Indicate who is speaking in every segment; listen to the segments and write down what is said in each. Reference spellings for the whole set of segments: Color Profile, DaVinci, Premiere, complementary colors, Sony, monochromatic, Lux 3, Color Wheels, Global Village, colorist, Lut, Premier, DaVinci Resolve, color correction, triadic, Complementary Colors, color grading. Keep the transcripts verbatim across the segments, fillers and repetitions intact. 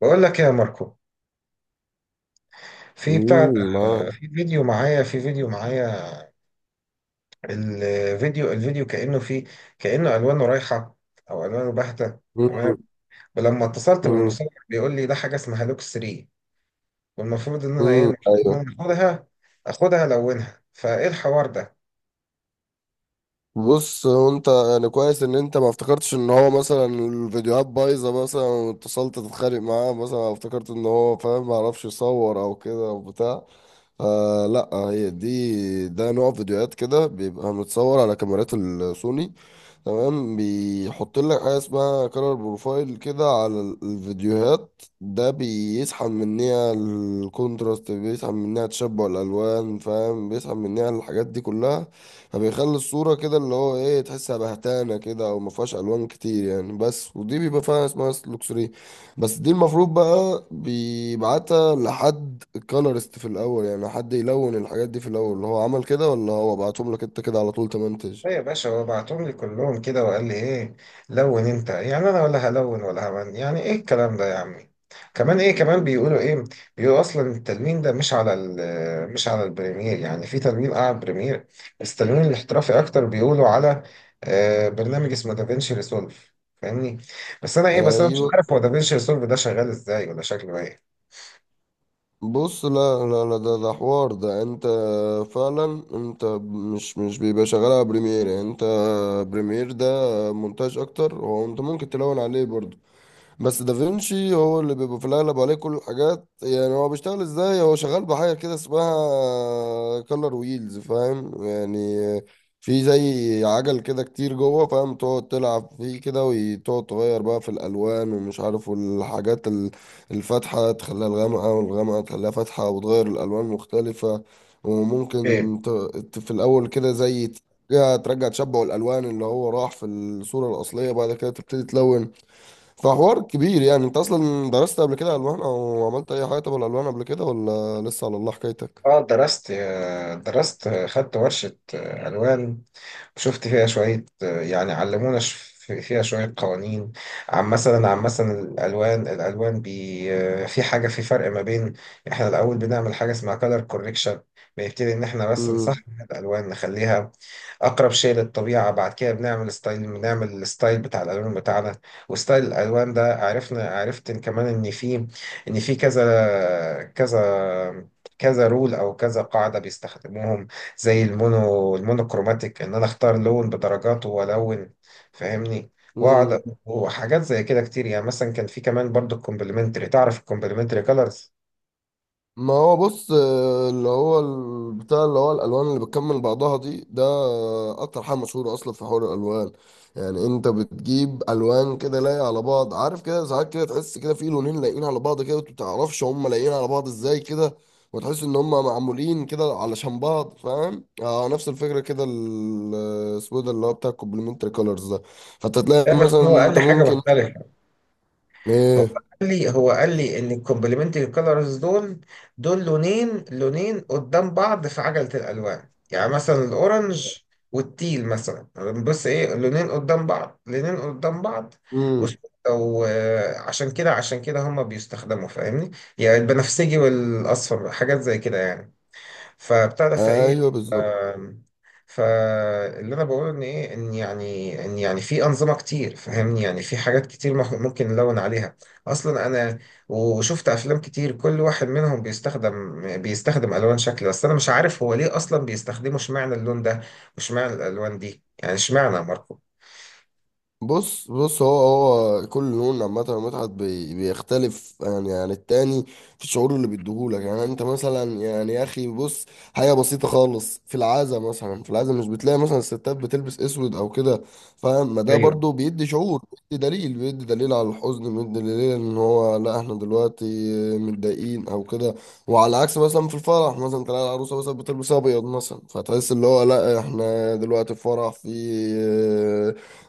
Speaker 1: بقول لك إيه يا ماركو، في بتاع ده،
Speaker 2: امم آه.
Speaker 1: في فيديو معايا في فيديو معايا. الفيديو الفيديو كأنه فيه كأنه ألوانه رايحة، أو ألوانه باهتة تمام.
Speaker 2: امم.
Speaker 1: ولما اتصلت
Speaker 2: امم.
Speaker 1: بالمصور بيقول لي ده حاجة اسمها لوكس ثلاثة، والمفروض إن أنا إيه
Speaker 2: امم
Speaker 1: المفروض
Speaker 2: ايوه
Speaker 1: إن أنا آخدها آخدها ألونها. فإيه الحوار ده؟
Speaker 2: بص، هو انت يعني كويس ان انت ما افتكرتش ان هو مثلا الفيديوهات بايظه مثلا واتصلت تتخانق معاه، مثلا أو افتكرت ان هو فاهم ما عرفش يصور او كده او بتاع. آه، لا هي دي، ده نوع فيديوهات كده بيبقى متصور على كاميرات السوني، تمام؟ بيحط لك حاجه اسمها كلر بروفايل كده على ال- الفيديوهات ده، بيسحب مننا الكونتراست، بيسحب مننا تشبع الالوان، فاهم؟ بيسحب مننا الحاجات دي كلها. فبيخلي الصوره كده اللي هو ايه، تحسها بهتانه كده او ما فيهاش الوان كتير يعني، بس ودي بيبقى فيها اسمها لوكسري. بس دي المفروض بقى بيبعتها لحد كولرست في الاول، يعني حد يلون الحاجات دي في الاول اللي هو عمل كده، ولا هو بعتهم لك انت كده على طول تمنتج؟
Speaker 1: ايه يا باشا، هو بعتهم لي كلهم كده وقال لي ايه، لون انت. يعني انا ولا هلون ولا همن؟ يعني ايه الكلام ده يا عمي؟ كمان ايه، كمان بيقولوا ايه، بيقولوا اصلا التلوين ده مش على ال- مش على البريمير. يعني في تلوين اعلى بريمير، بس التلوين الاحترافي اكتر بيقولوا على آه، برنامج اسمه دافينشي ريسولف، فاهمني. بس انا ايه بس انا مش
Speaker 2: ايوه.
Speaker 1: عارف هو دافينشي ريسولف ده شغال ازاي ولا شكله ايه.
Speaker 2: بص، لا لا لا، ده ده حوار، ده انت فعلا انت مش مش بيبقى شغال على بريمير يعني، انت بريمير ده مونتاج اكتر، وانت ممكن تلون عليه برضه، بس دافنشي هو اللي بيبقى في الأغلب عليه كل الحاجات. يعني هو بيشتغل ازاي؟ هو شغال بحاجة كده اسمها كولر ويلز، فاهم يعني؟ في زي عجل كده كتير جوه، فاهم؟ تقعد تلعب فيه كده، وتقعد تغير بقى في الألوان ومش عارف، والحاجات ال- الفاتحة تخليها الغامقة، والغامقة تخليها فاتحة، وتغير الألوان مختلفة. وممكن ت- ت- في الأول كده زي ترجع ترجع تشبع الألوان اللي هو راح في الصورة الأصلية، بعد كده تبتدي تلون. فحوار كبير يعني. انت اصلا درست قبل كده الوان، او عملت اي حاجه تبع الالوان قبل كده، ولا لسه على الله حكايتك؟
Speaker 1: اه درست. درست خدت ورشة آه، ألوان، شفت فيها شوية، آه، يعني علمونا ش- فيها شوية قوانين عن مثلا، عن مثلا الألوان الألوان بي آه، في حاجة، في فرق ما بين، احنا الأول بنعمل حاجة اسمها color correction. بنبتدي إن احنا بس نصحح الألوان، نخليها أقرب شيء للطبيعة. بعد كده بنعمل ستايل بنعمل الستايل بتاع الألوان بتاعنا. وستايل الألوان ده عرفنا عرفت إن كمان إن في إن في كذا كذا كذا رول او كذا قاعده بيستخدموهم. زي المونو المونوكروماتيك، ان انا اختار لون بدرجاته والون، فاهمني، واقعد.
Speaker 2: امم.
Speaker 1: وحاجات زي كده كتير. يعني مثلا كان في كمان برضو الكومبلمنتري، تعرف الكومبلمنتري كولرز
Speaker 2: ما هو بص، آه، اللي هو ال- بتاع اللي هو الالوان اللي بتكمل بعضها دي، ده اكتر حاجه مشهوره اصلا في حوار الالوان. يعني انت بتجيب الوان كده لايقه على بعض، عارف كده؟ ساعات كده تحس كده في لونين لايقين على بعض كده، وانت متعرفش هم لايقين على بعض ازاي كده، وتحس ان هم معمولين كده علشان بعض، فاهم؟ آه، نفس الفكره كده، ال- اسمه إيه ده اللي هو بتاع الكومبلمنتري كولرز ده. فانت
Speaker 1: ده؟
Speaker 2: تلاقي
Speaker 1: بس
Speaker 2: مثلا
Speaker 1: هو اقل
Speaker 2: انت
Speaker 1: حاجه
Speaker 2: ممكن.
Speaker 1: مختلفه. هو
Speaker 2: ايه؟
Speaker 1: قال لي هو قال لي ان الكومبلمنتري كولرز دول دول لونين، لونين قدام بعض في عجلة الالوان. يعني مثلا الاورنج والتيل مثلا. بص ايه، لونين قدام بعض لونين قدام بعض. وس-
Speaker 2: امم.
Speaker 1: وعشان كده عشان كده هما بيستخدموا، فاهمني. يعني البنفسجي والاصفر، حاجات زي كده يعني. فبتاع ده فايه،
Speaker 2: ايوه بالظبط.
Speaker 1: آم، فاللي انا بقوله ان ايه، ان يعني ان يعني في انظمه كتير، فاهمني، يعني في حاجات كتير مح- ممكن نلون عليها اصلا. انا وشفت افلام كتير، كل واحد منهم بيستخدم بيستخدم الوان شكل. بس انا مش عارف هو ليه اصلا بيستخدموا، اشمعنى اللون ده واشمعنى الالوان دي، يعني اشمعنى يا ماركو؟
Speaker 2: بص بص، هو هو كل لون عامة متعة بي- بيختلف يعني عن التاني في الشعور اللي بيديهولك. يعني انت مثلا يعني يا اخي بص، حاجة بسيطة خالص، في العازة مثلا، في العازة مش بتلاقي مثلا الستات بتلبس اسود او كده؟ فاهم؟ ما ده
Speaker 1: ايوه،
Speaker 2: برضو بيدي شعور، بيدي دليل، بيدي دليل على الحزن، بيدي دليل ان هو لا احنا دلوقتي متضايقين او كده. وعلى عكس مثلا في الفرح مثلا، تلاقي العروسة مثلا بتلبس ابيض مثلا، فتحس اللي هو لا احنا دلوقتي في فرح، في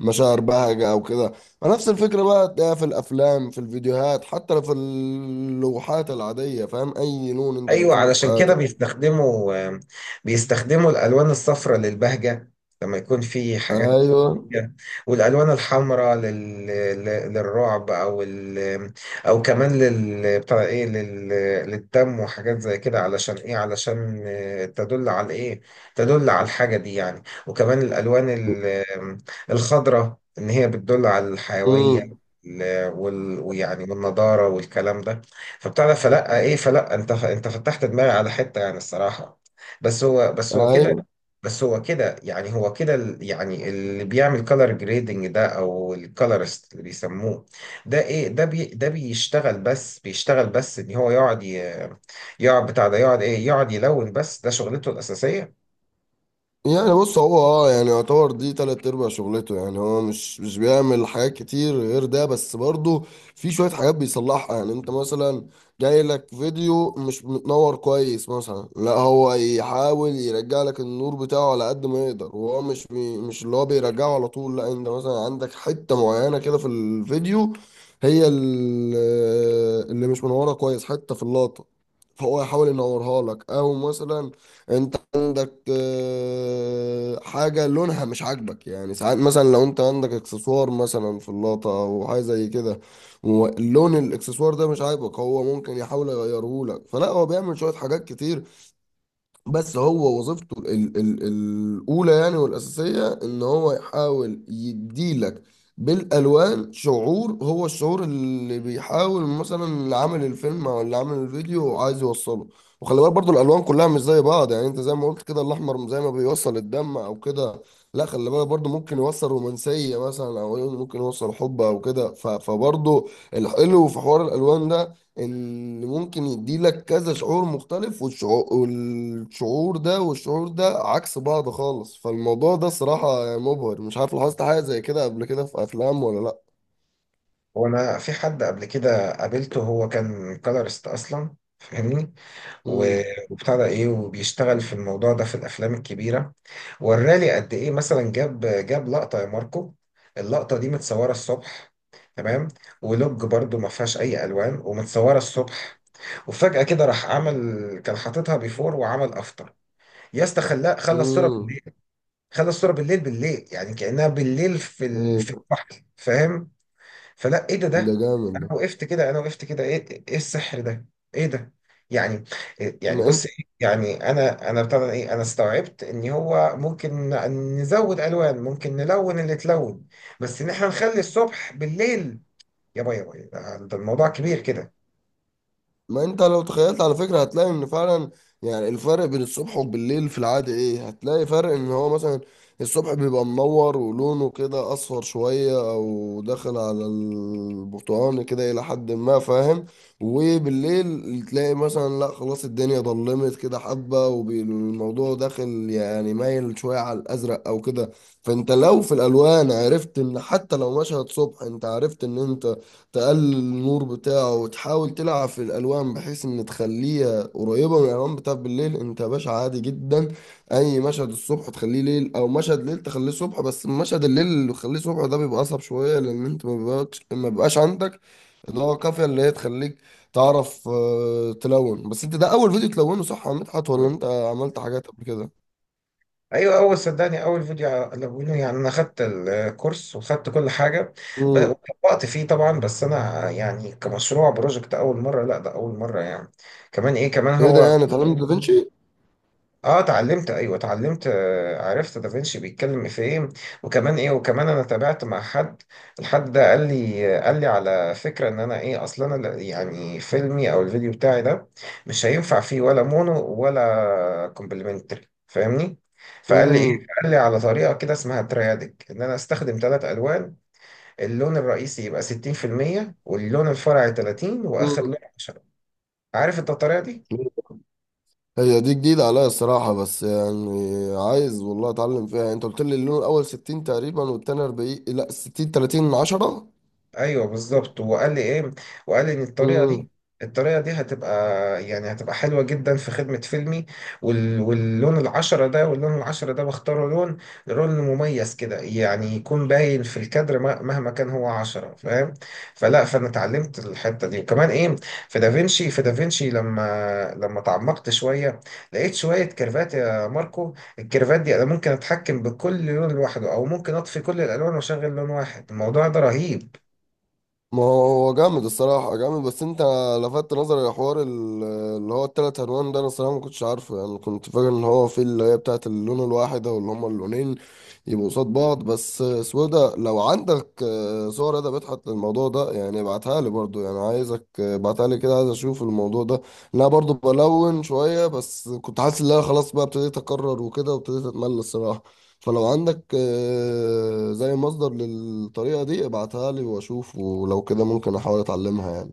Speaker 2: مشاعر بهجة أو كده. نفس الفكرة بقى تلاقيها في الأفلام، في الفيديوهات، حتى لو في اللوحات العادية، فاهم؟ أي لون أنت
Speaker 1: ايوه
Speaker 2: بتشوفه في
Speaker 1: علشان كده
Speaker 2: حياتك.
Speaker 1: بيستخدموا، آم، بيستخدموا الالوان الصفراء للبهجه لما يكون في حاجات.
Speaker 2: أيوه.
Speaker 1: Yeah. والالوان الحمراء لل... لل- للرعب، او ال...، او كمان لل بتاع ايه لل... للدم وحاجات زي كده. علشان ايه؟ علشان آه، تدل على ايه، تدل على الحاجه دي يعني. وكمان الالوان ال... الخضراء، ان هي بتدل على الحيويه
Speaker 2: امم.
Speaker 1: ال- وال... ويعني والنضاره والكلام ده. فبتاع ده، فلا ايه، فلا انت انت فتحت دماغي على حته يعني الصراحه. بس هو بس هو كده
Speaker 2: أيوه.
Speaker 1: بس هو كده يعني، هو كده ال- يعني اللي بيعمل كولر جريدنج ده، او الكولرست اللي بيسموه. ده ايه، ده بي ده بيشتغل بس بيشتغل بس ان هو يقعد ي- يقعد بتاع ده، يقعد ايه، يقعد يلون بس. ده شغلته الاساسيه.
Speaker 2: يعني بص، هو اه يعني يعتبر دي تلات ارباع شغلته يعني، هو مش مش بيعمل حاجات كتير غير ده، بس برضه في شوية حاجات بيصلحها. يعني انت مثلا جاي لك فيديو مش متنور كويس مثلا، لا هو يحاول يرجع لك النور بتاعه على قد ما يقدر. وهو مش بي مش اللي هو بيرجعه على طول، لا انت مثلا عندك حتة معينة كده في الفيديو، هي ال- اللي مش منورة كويس، حتة في اللقطة، فهو يحاول ينورها لك. او مثلا انت عندك آه، حاجة لونها مش عاجبك، يعني ساعات مثلا لو انت عندك اكسسوار مثلا في اللقطة او حاجة زي كده، واللون الاكسسوار ده مش عاجبك، هو ممكن يحاول يغيره لك. فلا هو بيعمل شوية حاجات كتير. بس هو وظيفته ال ال الأولى يعني والأساسية، إن هو يحاول يديلك بالألوان شعور، هو الشعور اللي بيحاول مثلا اللي عامل الفيلم أو اللي عامل الفيديو عايز يوصله. وخلي بالك برضو الألوان كلها مش زي بعض، يعني أنت زي ما قلت كده، الأحمر زي ما بيوصل الدم أو كده، لا خلي بالك برضو ممكن يوصل رومانسية مثلا، أو ممكن يوصل حب أو كده. ف- فبرضو الحلو في حوار الألوان ده، اللي ممكن يديلك كذا شعور مختلف، والشعور والشعور ده والشعور ده عكس بعض خالص. فالموضوع ده صراحة يعني مبهر. مش عارف، لاحظت حاجة زي كده قبل كده في أفلام ولا لأ؟
Speaker 1: وانا في حد قبل كده قابلته، هو كان كولرست اصلا، فاهمني.
Speaker 2: امم.
Speaker 1: و- وبتاع ده ايه، وبيشتغل في الموضوع ده في الافلام الكبيره. وراني قد ايه. مثلا جاب جاب لقطه يا ماركو، اللقطه دي متصوره الصبح، تمام، ولوج برضو ما فيهاش اي الوان، ومتصوره الصبح. وفجاه كده راح عمل، كان حاططها بيفور وعمل افطر. يا اسطى، خلاه خلى الصوره
Speaker 2: امم.
Speaker 1: بالليل. خلى الصوره بالليل، بالليل يعني كانها بالليل في ال-
Speaker 2: إيه
Speaker 1: في
Speaker 2: ده؟
Speaker 1: البحر، فاهم. فلا ايه، ده
Speaker 2: ده
Speaker 1: ده انا
Speaker 2: جامد
Speaker 1: وقفت كده انا وقفت كده ايه ايه السحر ده؟ ايه ده يعني؟ يعني بص
Speaker 2: ده.
Speaker 1: إيه؟ يعني انا انا بتاع ده ايه، انا استوعبت ان هو ممكن نزود الوان، ممكن نلون اللي اتلون، بس ان احنا نخلي الصبح بالليل. يا باي يا باي، ده ده الموضوع كبير كده.
Speaker 2: ما انت لو تخيلت على فكرة هتلاقي ان فعلا، يعني الفرق بين الصبح وبالليل في العادة ايه، هتلاقي فرق ان هو مثلا الصبح بيبقى منور ولونه كده اصفر شوية، او داخل على البرتقاني كده الى حد ما، فاهم؟ وبالليل تلاقي مثلا لا خلاص الدنيا ضلمت كده حبة، والموضوع داخل يعني مايل شوية على الازرق او كده. فانت لو في الالوان عرفت ان حتى لو مشهد صبح، انت عرفت ان انت تقلل النور بتاعه، وتحاول تلعب في الالوان بحيث ان تخليها قريبه من الالوان بتاعت بالليل، انت يا باشا عادي جدا اي مشهد الصبح تخليه ليل، او مشهد ليل تخليه صبح. بس مشهد الليل اللي تخليه صبح ده بيبقى اصعب شويه، لان انت ما بيبقاش ما بيبقاش عندك اللي هو كافيه اللي هي تخليك تعرف آه، تلون. بس انت ده اول فيديو تلونه صح يا مدحت، ولا
Speaker 1: مم.
Speaker 2: انت عملت حاجات قبل كده؟
Speaker 1: ايوه، اول، صدقني اول فيديو الونه. يعني انا خدت الكورس وخدت كل حاجه، ب-
Speaker 2: امم.
Speaker 1: وطبقت فيه طبعا. بس انا يعني كمشروع بروجكت اول مره، لا ده اول مره يعني. كمان ايه، كمان
Speaker 2: ايه ده،
Speaker 1: هو،
Speaker 2: يعني اتعلمت دافنشي؟
Speaker 1: اه اتعلمت، ايوه اتعلمت، آه، عرفت دافنشي بيتكلم في ايه. وكمان ايه، وكمان انا تابعت مع حد. الحد ده قال لي قال لي على فكره ان انا ايه، اصلا انا لا- يعني فيلمي او الفيديو بتاعي ده مش هينفع فيه ولا مونو ولا كومبلمنتري، فاهمني. فقال لي ايه، قال لي على طريقه كده اسمها تريادك، ان انا استخدم ثلاث الوان: اللون الرئيسي يبقى ستين في المية، واللون الفرعي تلاتين، واخر
Speaker 2: امم.
Speaker 1: لون عشرة. عارف انت الطريقه دي؟
Speaker 2: هي دي جديدة عليا الصراحة، بس يعني عايز والله اتعلم فيها يعني. انت قلت لي اللون الاول ستين تقريبا، والتاني اربعين، لا ستين تلاتين من عشرة؟
Speaker 1: ايوه بالظبط. وقال لي ايه، وقال لي ان الطريقه دي،
Speaker 2: امم.
Speaker 1: الطريقه دي هتبقى يعني هتبقى حلوه جدا في خدمه فيلمي. وال...، واللون العشرة ده، واللون العشرة ده بختاره لون، لون مميز كده يعني، يكون باين في الكادر، مه- مهما كان هو عشرة، فاهم. فلا، فانا اتعلمت الحته دي. وكمان ايه، في دافنشي في دافنشي لما لما تعمقت شويه، لقيت شويه كيرفات يا ماركو. الكيرفات دي انا ممكن اتحكم بكل لون لوحده، او ممكن اطفي كل الالوان واشغل لون واحد. الموضوع ده رهيب.
Speaker 2: ما هو جامد الصراحة، جامد. بس انت لفتت نظري لحوار ال- اللي هو التلات الوان ده، انا الصراحة ما كنتش عارفه. يعني كنت فاكر ان هو في اللي هي بتاعت اللون الواحد، او اللي هما اللونين يبقوا قصاد بعض بس. سودا لو عندك آه، صور ادبت حتى الموضوع ده يعني ابعتها لي برضو، يعني عايزك آه، ابعتها لي كده، عايز اشوف الموضوع ده. إن انا برضو بلون شوية، بس كنت حاسس ان انا خلاص بقى ابتديت اكرر وكده، وابتديت اتمل الصراحة. فلو عندك آه، زي مصدر للطريقة دي ابعتها لي واشوف، ولو كده ممكن احاول اتعلمها يعني.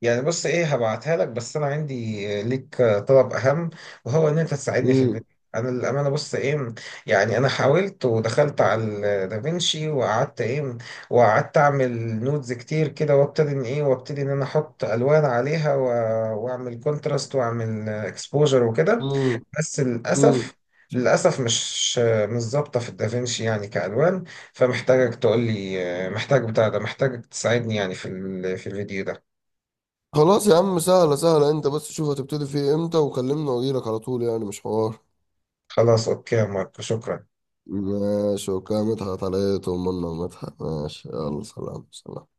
Speaker 1: يعني بص ايه، هبعتها لك بس انا عندي ليك طلب اهم، وهو ان انت تساعدني في
Speaker 2: امم.
Speaker 1: الفيديو. انا للامانه، بص ايه، يعني انا حاولت ودخلت على دافينشي، وقعدت ايه، وقعدت اعمل نودز كتير كده، وابتدي ان ايه، وابتدي ان انا احط الوان عليها و- واعمل كونتراست واعمل اكسبوجر وكده.
Speaker 2: امم.
Speaker 1: بس
Speaker 2: امم.
Speaker 1: للاسف، للأسف مش مش ظابطة في الدافينشي يعني كألوان. فمحتاجك تقول لي، محتاج بتاع ده، محتاجك تساعدني يعني في ال- في الفيديو ده.
Speaker 2: خلاص يا عم سهلة، سهلة. انت بس شوف هتبتدي فيه امتى وكلمني، واجيلك على طول يعني، مش حوار.
Speaker 1: خلاص أوكي يا ماركو، شكرا
Speaker 2: ماشي، وكامتها عليه، طمنا. ومدحت ماشي، يلا سلام سلام.